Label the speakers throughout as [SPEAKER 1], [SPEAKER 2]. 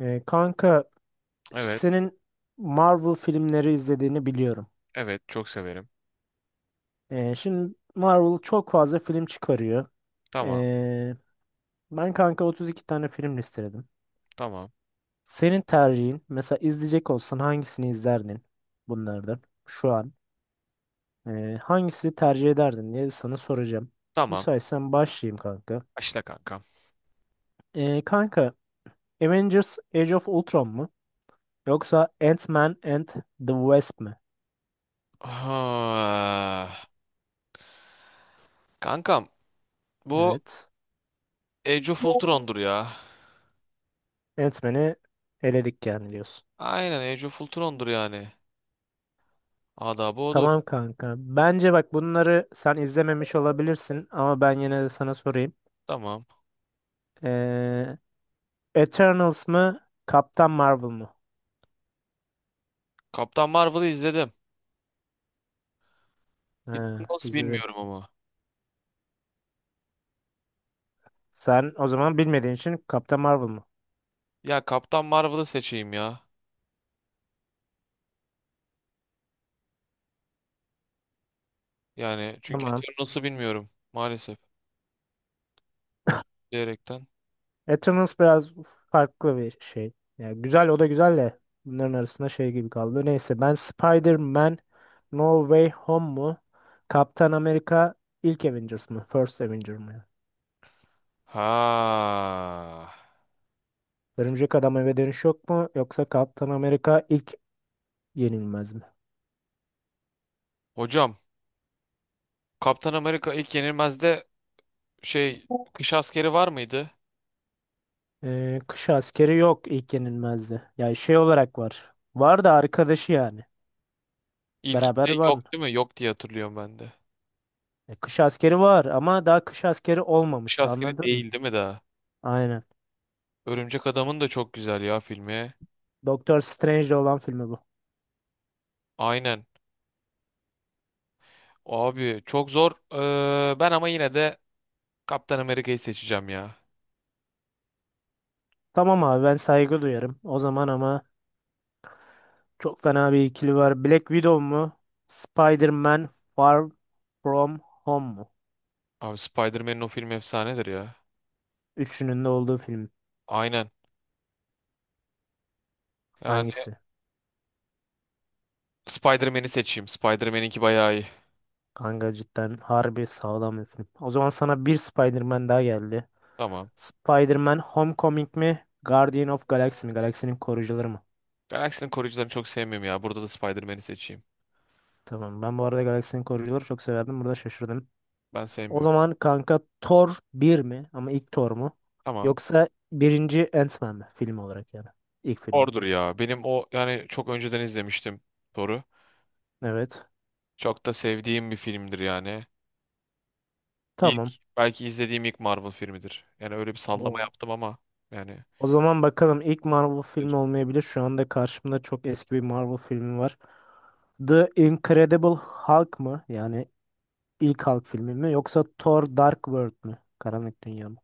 [SPEAKER 1] Kanka
[SPEAKER 2] Evet.
[SPEAKER 1] senin Marvel filmleri izlediğini biliyorum.
[SPEAKER 2] Evet. Çok severim.
[SPEAKER 1] Şimdi Marvel çok fazla film çıkarıyor.
[SPEAKER 2] Tamam.
[SPEAKER 1] Ee, Ben kanka 32 tane film listeledim.
[SPEAKER 2] Tamam.
[SPEAKER 1] Senin tercihin mesela izleyecek olsan hangisini izlerdin bunlardan şu an? Hangisini tercih ederdin diye sana soracağım.
[SPEAKER 2] Tamam.
[SPEAKER 1] Müsaitsen başlayayım kanka.
[SPEAKER 2] Başla kankam.
[SPEAKER 1] Kanka Avengers Age of Ultron mu? Yoksa Ant-Man and the Wasp mı?
[SPEAKER 2] Ah, kankam bu
[SPEAKER 1] Evet.
[SPEAKER 2] Age of Ultron'dur ya.
[SPEAKER 1] Ant-Man'i eledik yani diyorsun.
[SPEAKER 2] Aynen Age of Ultron'dur yani. Adabı odur.
[SPEAKER 1] Tamam kanka. Bence bak bunları sen izlememiş olabilirsin ama ben yine de sana sorayım.
[SPEAKER 2] Tamam.
[SPEAKER 1] Ee, Eternals mı? Kaptan Marvel mı?
[SPEAKER 2] Kaptan Marvel'ı izledim.
[SPEAKER 1] Ha,
[SPEAKER 2] Eternals
[SPEAKER 1] izledin.
[SPEAKER 2] bilmiyorum ama.
[SPEAKER 1] Sen o zaman bilmediğin için Kaptan Marvel mı?
[SPEAKER 2] Ya Kaptan Marvel'ı seçeyim ya. Yani çünkü
[SPEAKER 1] Tamam.
[SPEAKER 2] Eternals'ı bilmiyorum. Maalesef. Özür dileyerekten.
[SPEAKER 1] Eternals biraz farklı bir şey. Yani güzel o da güzel de bunların arasında şey gibi kaldı. Neyse ben Spider-Man No Way Home mu? Kaptan Amerika ilk Avengers mı? First Avenger mı?
[SPEAKER 2] Ha.
[SPEAKER 1] Örümcek Adam Eve Dönüş yok mu? Yoksa Kaptan Amerika ilk Yenilmez mi?
[SPEAKER 2] Hocam Kaptan Amerika ilk yenilmezde şey kış askeri var mıydı?
[SPEAKER 1] Kış askeri yok ilk yenilmezdi. Yani şey olarak var. Var da arkadaşı yani. Beraber
[SPEAKER 2] İlkinde
[SPEAKER 1] var.
[SPEAKER 2] yok değil mi? Yok diye hatırlıyorum ben de.
[SPEAKER 1] E, kış askeri var ama daha kış askeri
[SPEAKER 2] Kuş
[SPEAKER 1] olmamış.
[SPEAKER 2] askeri
[SPEAKER 1] Anladın mı?
[SPEAKER 2] değil değil mi daha?
[SPEAKER 1] Aynen.
[SPEAKER 2] Örümcek Adam'ın da çok güzel ya filmi.
[SPEAKER 1] Doktor Strange'de olan filmi bu.
[SPEAKER 2] Aynen. Abi çok zor. Ben ama yine de Kaptan Amerika'yı seçeceğim ya.
[SPEAKER 1] Tamam abi ben saygı duyarım. O zaman ama çok fena bir ikili var. Black Widow mu? Spider-Man Far From Home mu?
[SPEAKER 2] Abi Spider-Man'in o filmi efsanedir ya.
[SPEAKER 1] Üçünün de olduğu film
[SPEAKER 2] Aynen. Yani
[SPEAKER 1] hangisi?
[SPEAKER 2] Spider-Man'i seçeyim. Spider-Man'inki bayağı iyi.
[SPEAKER 1] Kanka cidden harbi sağlam bir film. O zaman sana bir Spider-Man daha geldi.
[SPEAKER 2] Tamam.
[SPEAKER 1] Spider-Man Homecoming mi? Guardian of Galaxy mi? Galaksinin koruyucuları mı?
[SPEAKER 2] Galaksinin koruyucularını çok sevmiyorum ya. Burada da Spider-Man'i seçeyim.
[SPEAKER 1] Tamam. Ben bu arada Galaksinin koruyucuları çok severdim. Burada şaşırdım.
[SPEAKER 2] Ben
[SPEAKER 1] O
[SPEAKER 2] sevmiyorum.
[SPEAKER 1] zaman kanka Thor bir mi? Ama ilk Thor mu?
[SPEAKER 2] Tamam.
[SPEAKER 1] Yoksa birinci Ant-Man mi? Film olarak yani. İlk film mi?
[SPEAKER 2] Thor'dur ya. Benim o yani çok önceden izlemiştim Thor'u.
[SPEAKER 1] Evet.
[SPEAKER 2] Çok da sevdiğim bir filmdir yani. İlk
[SPEAKER 1] Tamam.
[SPEAKER 2] belki izlediğim ilk Marvel filmidir. Yani öyle bir sallama
[SPEAKER 1] O,
[SPEAKER 2] yaptım ama yani
[SPEAKER 1] o zaman bakalım ilk Marvel filmi olmayabilir. Şu anda karşımda çok eski bir Marvel filmi var. The Incredible Hulk mı? Yani ilk Hulk filmi mi? Yoksa Thor Dark World mü? Karanlık Dünya mı?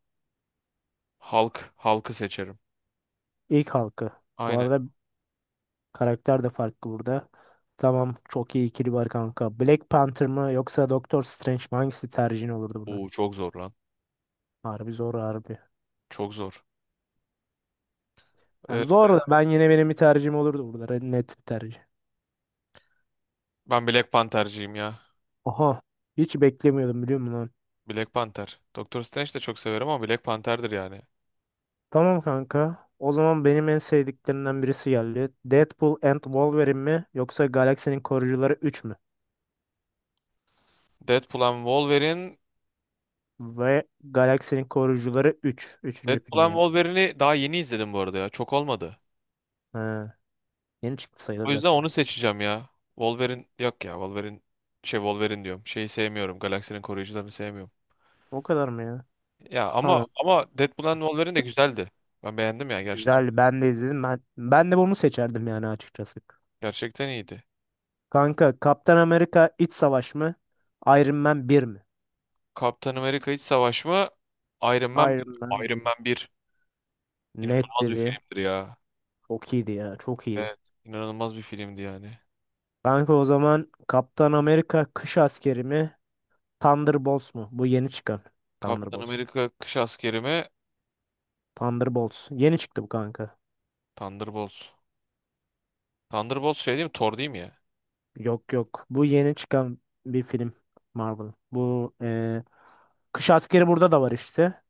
[SPEAKER 2] Hulk'ı seçerim.
[SPEAKER 1] İlk Hulk'ı. Bu
[SPEAKER 2] Aynen.
[SPEAKER 1] arada karakter de farklı burada. Tamam çok iyi ikili var kanka. Black Panther mı yoksa Doctor Strange mi? Hangisi tercihin olurdu burada?
[SPEAKER 2] Oo çok zor lan.
[SPEAKER 1] Harbi zor harbi.
[SPEAKER 2] Çok zor.
[SPEAKER 1] Ya
[SPEAKER 2] Ee,
[SPEAKER 1] zor da ben yine benim bir tercihim olurdu burada. Net bir tercih.
[SPEAKER 2] Ben Black Panther'cıyım ya.
[SPEAKER 1] Oha hiç beklemiyordum biliyor musun lan?
[SPEAKER 2] Black Panther. Doctor Strange de çok severim ama Black Panther'dır yani.
[SPEAKER 1] Tamam kanka. O zaman benim en sevdiklerimden birisi geldi. Deadpool and Wolverine mi yoksa Galaksinin Koruyucuları üç mü?
[SPEAKER 2] Deadpool and Wolverine.
[SPEAKER 1] Ve Galaksinin Koruyucuları üç üçüncü
[SPEAKER 2] Deadpool
[SPEAKER 1] filmi
[SPEAKER 2] and
[SPEAKER 1] ya.
[SPEAKER 2] Wolverine'i daha yeni izledim bu arada ya. Çok olmadı.
[SPEAKER 1] Ha, yeni çıktı sayılır
[SPEAKER 2] O yüzden
[SPEAKER 1] zaten.
[SPEAKER 2] onu seçeceğim ya. Wolverine yok ya. Wolverine şey Wolverine diyorum. Şeyi sevmiyorum. Galaksinin koruyucularını sevmiyorum.
[SPEAKER 1] O kadar mı ya?
[SPEAKER 2] Ya ama
[SPEAKER 1] Tamam.
[SPEAKER 2] ama Deadpool and Wolverine de güzeldi. Ben beğendim ya gerçekten.
[SPEAKER 1] Güzel ben de izledim. Ben de bunu seçerdim yani açıkçası.
[SPEAKER 2] Gerçekten iyiydi.
[SPEAKER 1] Kanka Kaptan Amerika İç Savaş mı? Iron Man 1 mi?
[SPEAKER 2] Kaptan Amerika İç Savaş mı? Iron Man 1.
[SPEAKER 1] Iron Man
[SPEAKER 2] Iron
[SPEAKER 1] 1.
[SPEAKER 2] Man 1.
[SPEAKER 1] Net
[SPEAKER 2] İnanılmaz bir
[SPEAKER 1] dedi.
[SPEAKER 2] filmdir ya.
[SPEAKER 1] Çok iyiydi ya çok iyiydi.
[SPEAKER 2] Evet. inanılmaz bir filmdi yani.
[SPEAKER 1] Kanka o zaman Kaptan Amerika Kış Askeri mi? Thunderbolts mu? Bu yeni çıkan.
[SPEAKER 2] Kaptan
[SPEAKER 1] Thunderbolts.
[SPEAKER 2] Amerika Kış Askeri mi?
[SPEAKER 1] Thunderbolts. Yeni çıktı bu kanka.
[SPEAKER 2] Thunderbolts. Thunderbolts şey değil mi? Thor değil mi ya?
[SPEAKER 1] Yok yok. Bu yeni çıkan bir film Marvel. Bu Kış Askeri burada da var işte.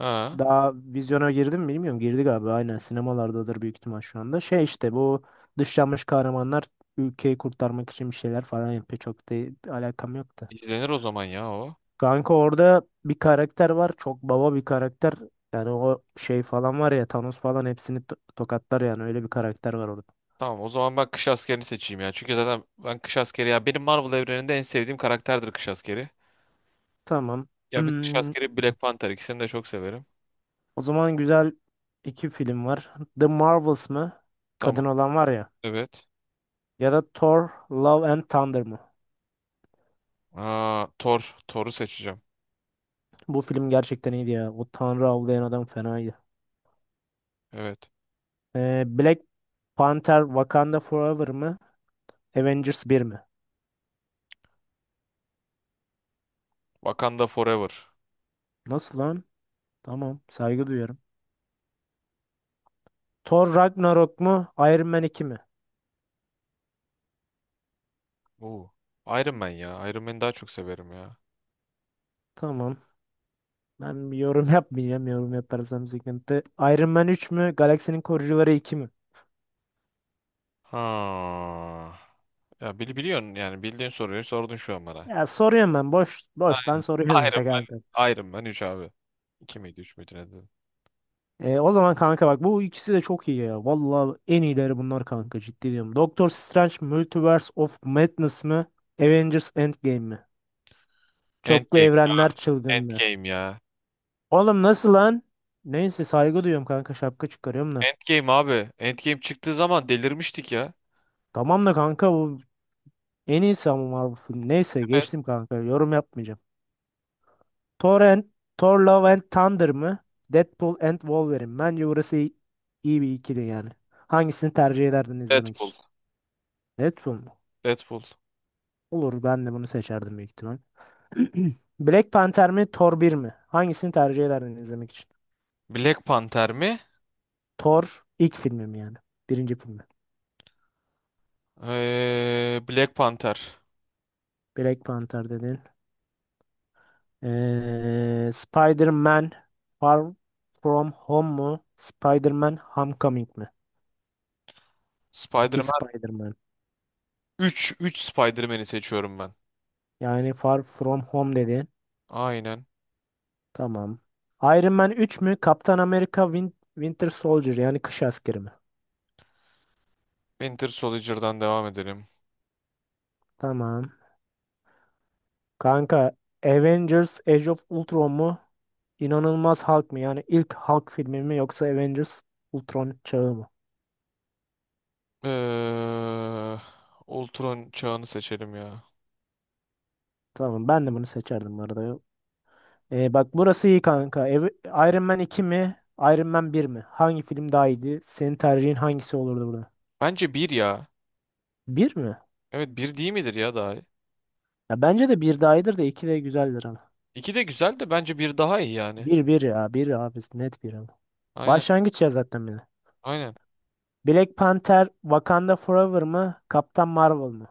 [SPEAKER 2] Ha.
[SPEAKER 1] Daha vizyona girdi mi bilmiyorum. Girdi galiba. Aynen sinemalardadır büyük ihtimal şu anda. Şey işte bu dışlanmış kahramanlar ülkeyi kurtarmak için bir şeyler falan yapıyor. Çok da alakam yoktu.
[SPEAKER 2] İzlenir o zaman ya o.
[SPEAKER 1] Kanka orada bir karakter var. Çok baba bir karakter. Yani o şey falan var ya Thanos falan hepsini tokatlar yani. Öyle bir karakter var orada.
[SPEAKER 2] Tamam o zaman ben Kış Askeri'ni seçeyim ya. Çünkü zaten ben Kış Askeri ya benim Marvel evreninde en sevdiğim karakterdir Kış Askeri.
[SPEAKER 1] Tamam.
[SPEAKER 2] Ya bir Kış
[SPEAKER 1] Hmm,
[SPEAKER 2] Askeri bir Black Panther ikisini de çok severim.
[SPEAKER 1] o zaman güzel iki film var. The Marvels mı?
[SPEAKER 2] Tamam.
[SPEAKER 1] Kadın olan var ya.
[SPEAKER 2] Evet.
[SPEAKER 1] Ya da Thor, Love and Thunder mı?
[SPEAKER 2] Aa, Thor. Thor'u seçeceğim.
[SPEAKER 1] Bu film gerçekten iyiydi ya. O Tanrı avlayan adam fenaydı.
[SPEAKER 2] Evet.
[SPEAKER 1] Black Panther Wakanda Forever mı? Avengers bir mi?
[SPEAKER 2] Wakanda Forever.
[SPEAKER 1] Nasıl lan? Tamam. Saygı duyuyorum. Thor Ragnarok mu? Iron Man iki mi?
[SPEAKER 2] Oo. Iron Man ya. Iron Man'i daha çok severim ya.
[SPEAKER 1] Tamam. Ben bir yorum yapmayacağım. Yorum yaparsam sıkıntı. Iron Man üç mü? Galaksinin Koruyucuları 2 mi?
[SPEAKER 2] Ha. Ya biliyorsun yani bildiğin soruyu sordun şu an bana.
[SPEAKER 1] Ya soruyorum ben. Boştan
[SPEAKER 2] Ay-
[SPEAKER 1] soruyorum
[SPEAKER 2] Iron
[SPEAKER 1] işte
[SPEAKER 2] Man.
[SPEAKER 1] kanka.
[SPEAKER 2] Iron Man üç abi. 2 miydi 3 müydü ne dedim?
[SPEAKER 1] E, o zaman kanka bak bu ikisi de çok iyi ya. Vallahi en iyileri bunlar kanka ciddi diyorum. Doctor Strange Multiverse of Madness mı? Avengers Endgame mi? Çoklu
[SPEAKER 2] Endgame.
[SPEAKER 1] evrenler çılgınlığı.
[SPEAKER 2] Endgame ya.
[SPEAKER 1] Oğlum nasıl lan? Neyse saygı duyuyorum kanka şapka çıkarıyorum da.
[SPEAKER 2] Endgame abi. Endgame çıktığı zaman delirmiştik ya.
[SPEAKER 1] Tamam da kanka bu en iyisi ama Marvel filmi. Neyse
[SPEAKER 2] Evet.
[SPEAKER 1] geçtim kanka yorum yapmayacağım. Thor and, Thor Love and Thunder mı? Deadpool and Wolverine. Bence burası iyi bir ikili yani. Hangisini tercih ederdin izlemek
[SPEAKER 2] Deadpool.
[SPEAKER 1] için? Deadpool mu?
[SPEAKER 2] Deadpool.
[SPEAKER 1] Olur ben de bunu seçerdim büyük ihtimal. Black Panther mi Thor bir mi? Hangisini tercih ederdin izlemek için?
[SPEAKER 2] Black Panther mi?
[SPEAKER 1] Thor ilk filmi mi yani? Birinci filmi.
[SPEAKER 2] Black Panther.
[SPEAKER 1] Black Panther dedin. Spider-Man Far From Home mu? Spider-Man Homecoming mi? İki
[SPEAKER 2] Spider-Man
[SPEAKER 1] Spider-Man.
[SPEAKER 2] üç 3 Spider-Man'i seçiyorum ben.
[SPEAKER 1] Yani Far From Home dedin.
[SPEAKER 2] Aynen.
[SPEAKER 1] Tamam. Iron Man üç mü? Kaptan Amerika Winter Soldier yani kış askeri mi?
[SPEAKER 2] Winter Soldier'dan devam edelim.
[SPEAKER 1] Tamam. Kanka Avengers Age of Ultron mu? İnanılmaz Hulk mı? Yani ilk Hulk filmi mi yoksa Avengers Ultron çağı mı?
[SPEAKER 2] Ee, Ultron çağını seçelim ya.
[SPEAKER 1] Tamam ben de bunu seçerdim bu arada. Bak burası iyi kanka. Iron Man iki mi? Iron Man bir mi? Hangi film daha iyiydi? Senin tercihin hangisi olurdu burada?
[SPEAKER 2] Bence bir ya.
[SPEAKER 1] Bir mi?
[SPEAKER 2] Evet bir değil midir ya daha?
[SPEAKER 1] Ya bence de bir daha iyidir de 2 de güzeldir ama.
[SPEAKER 2] İki de güzel de bence bir daha iyi yani.
[SPEAKER 1] Bir ya bir abi net bir ama.
[SPEAKER 2] Aynen
[SPEAKER 1] Başlangıç ya zaten bile.
[SPEAKER 2] aynen.
[SPEAKER 1] Black Panther Wakanda Forever mı? Kaptan Marvel mı?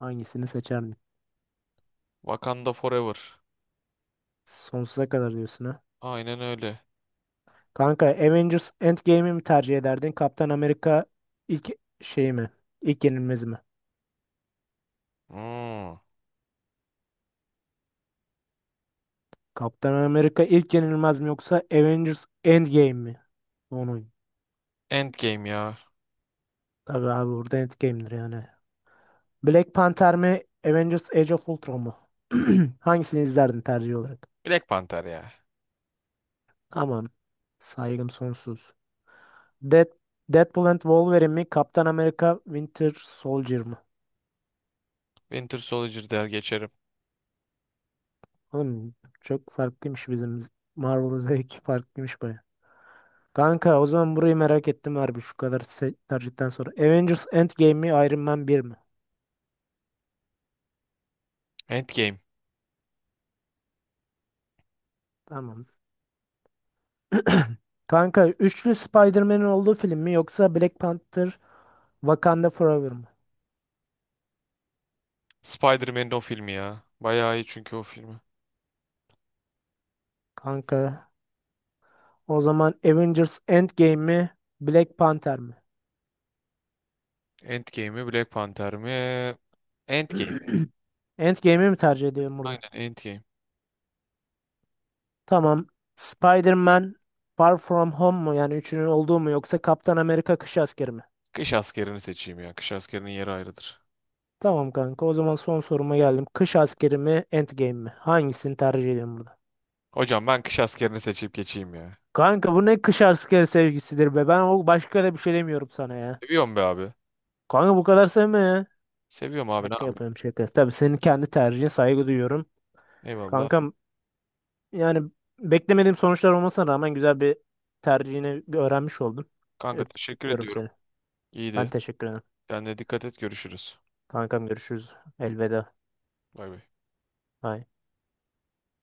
[SPEAKER 1] Hangisini seçerdin?
[SPEAKER 2] Wakanda Forever.
[SPEAKER 1] Sonsuza kadar diyorsun ha.
[SPEAKER 2] Aynen öyle.
[SPEAKER 1] Kanka Avengers Endgame'i mi tercih ederdin? Kaptan Amerika ilk şey mi? İlk yenilmez mi?
[SPEAKER 2] Hmm.
[SPEAKER 1] Kaptan Amerika ilk yenilmez mi yoksa Avengers Endgame mi? Onu.
[SPEAKER 2] Endgame ya.
[SPEAKER 1] Tabii abi burada Endgame'dir yani. Black Panther mi? Avengers Age of Ultron mu? Hangisini izlerdin tercih olarak?
[SPEAKER 2] Black Panther ya.
[SPEAKER 1] Aman saygım sonsuz. Dead, Deadpool and Wolverine mi? Kaptan Amerika Winter Soldier mi?
[SPEAKER 2] Winter Soldier der geçerim.
[SPEAKER 1] Oğlum çok farklıymış Marvel zevki farklıymış baya. Kanka o zaman burayı merak ettim harbi şu kadar tercihten sonra. Avengers Endgame mi Iron Man bir mi?
[SPEAKER 2] Endgame.
[SPEAKER 1] Tamam. Kanka üçlü Spider-Man'in olduğu film mi yoksa Black Panther Wakanda Forever mı?
[SPEAKER 2] Spider-Man'in o filmi ya. Bayağı iyi çünkü o filmi.
[SPEAKER 1] Kanka o zaman Avengers Endgame mi Black Panther mi?
[SPEAKER 2] Endgame mi Black Panther mi? Endgame.
[SPEAKER 1] Endgame'i mi tercih ediyorum burada?
[SPEAKER 2] Aynen Endgame.
[SPEAKER 1] Tamam. Spider-Man Far From Home mu yani üçünün olduğu mu yoksa Kaptan Amerika Kış Askeri mi?
[SPEAKER 2] Kış askerini seçeyim ya. Kış askerinin yeri ayrıdır.
[SPEAKER 1] Tamam kanka o zaman son soruma geldim. Kış askeri mi Endgame mi? Hangisini tercih ediyorsun burada?
[SPEAKER 2] Hocam ben kış askerini seçip geçeyim ya.
[SPEAKER 1] Kanka bu ne kış askeri sevgisidir be. Ben o başka da bir şey demiyorum sana ya.
[SPEAKER 2] Seviyorum be abi.
[SPEAKER 1] Kanka bu kadar sevme ya.
[SPEAKER 2] Seviyorum abi ne
[SPEAKER 1] Şaka
[SPEAKER 2] yapayım.
[SPEAKER 1] yapıyorum şaka. Tabii senin kendi tercihine saygı duyuyorum.
[SPEAKER 2] Eyvallah.
[SPEAKER 1] Kankam yani beklemediğim sonuçlar olmasına rağmen güzel bir tercihini öğrenmiş oldum.
[SPEAKER 2] Kanka teşekkür
[SPEAKER 1] Öpüyorum
[SPEAKER 2] ediyorum.
[SPEAKER 1] seni. Ben
[SPEAKER 2] İyiydi.
[SPEAKER 1] teşekkür ederim.
[SPEAKER 2] Kendine dikkat et görüşürüz.
[SPEAKER 1] Kankam görüşürüz. Elveda.
[SPEAKER 2] Bay bay.
[SPEAKER 1] Bye.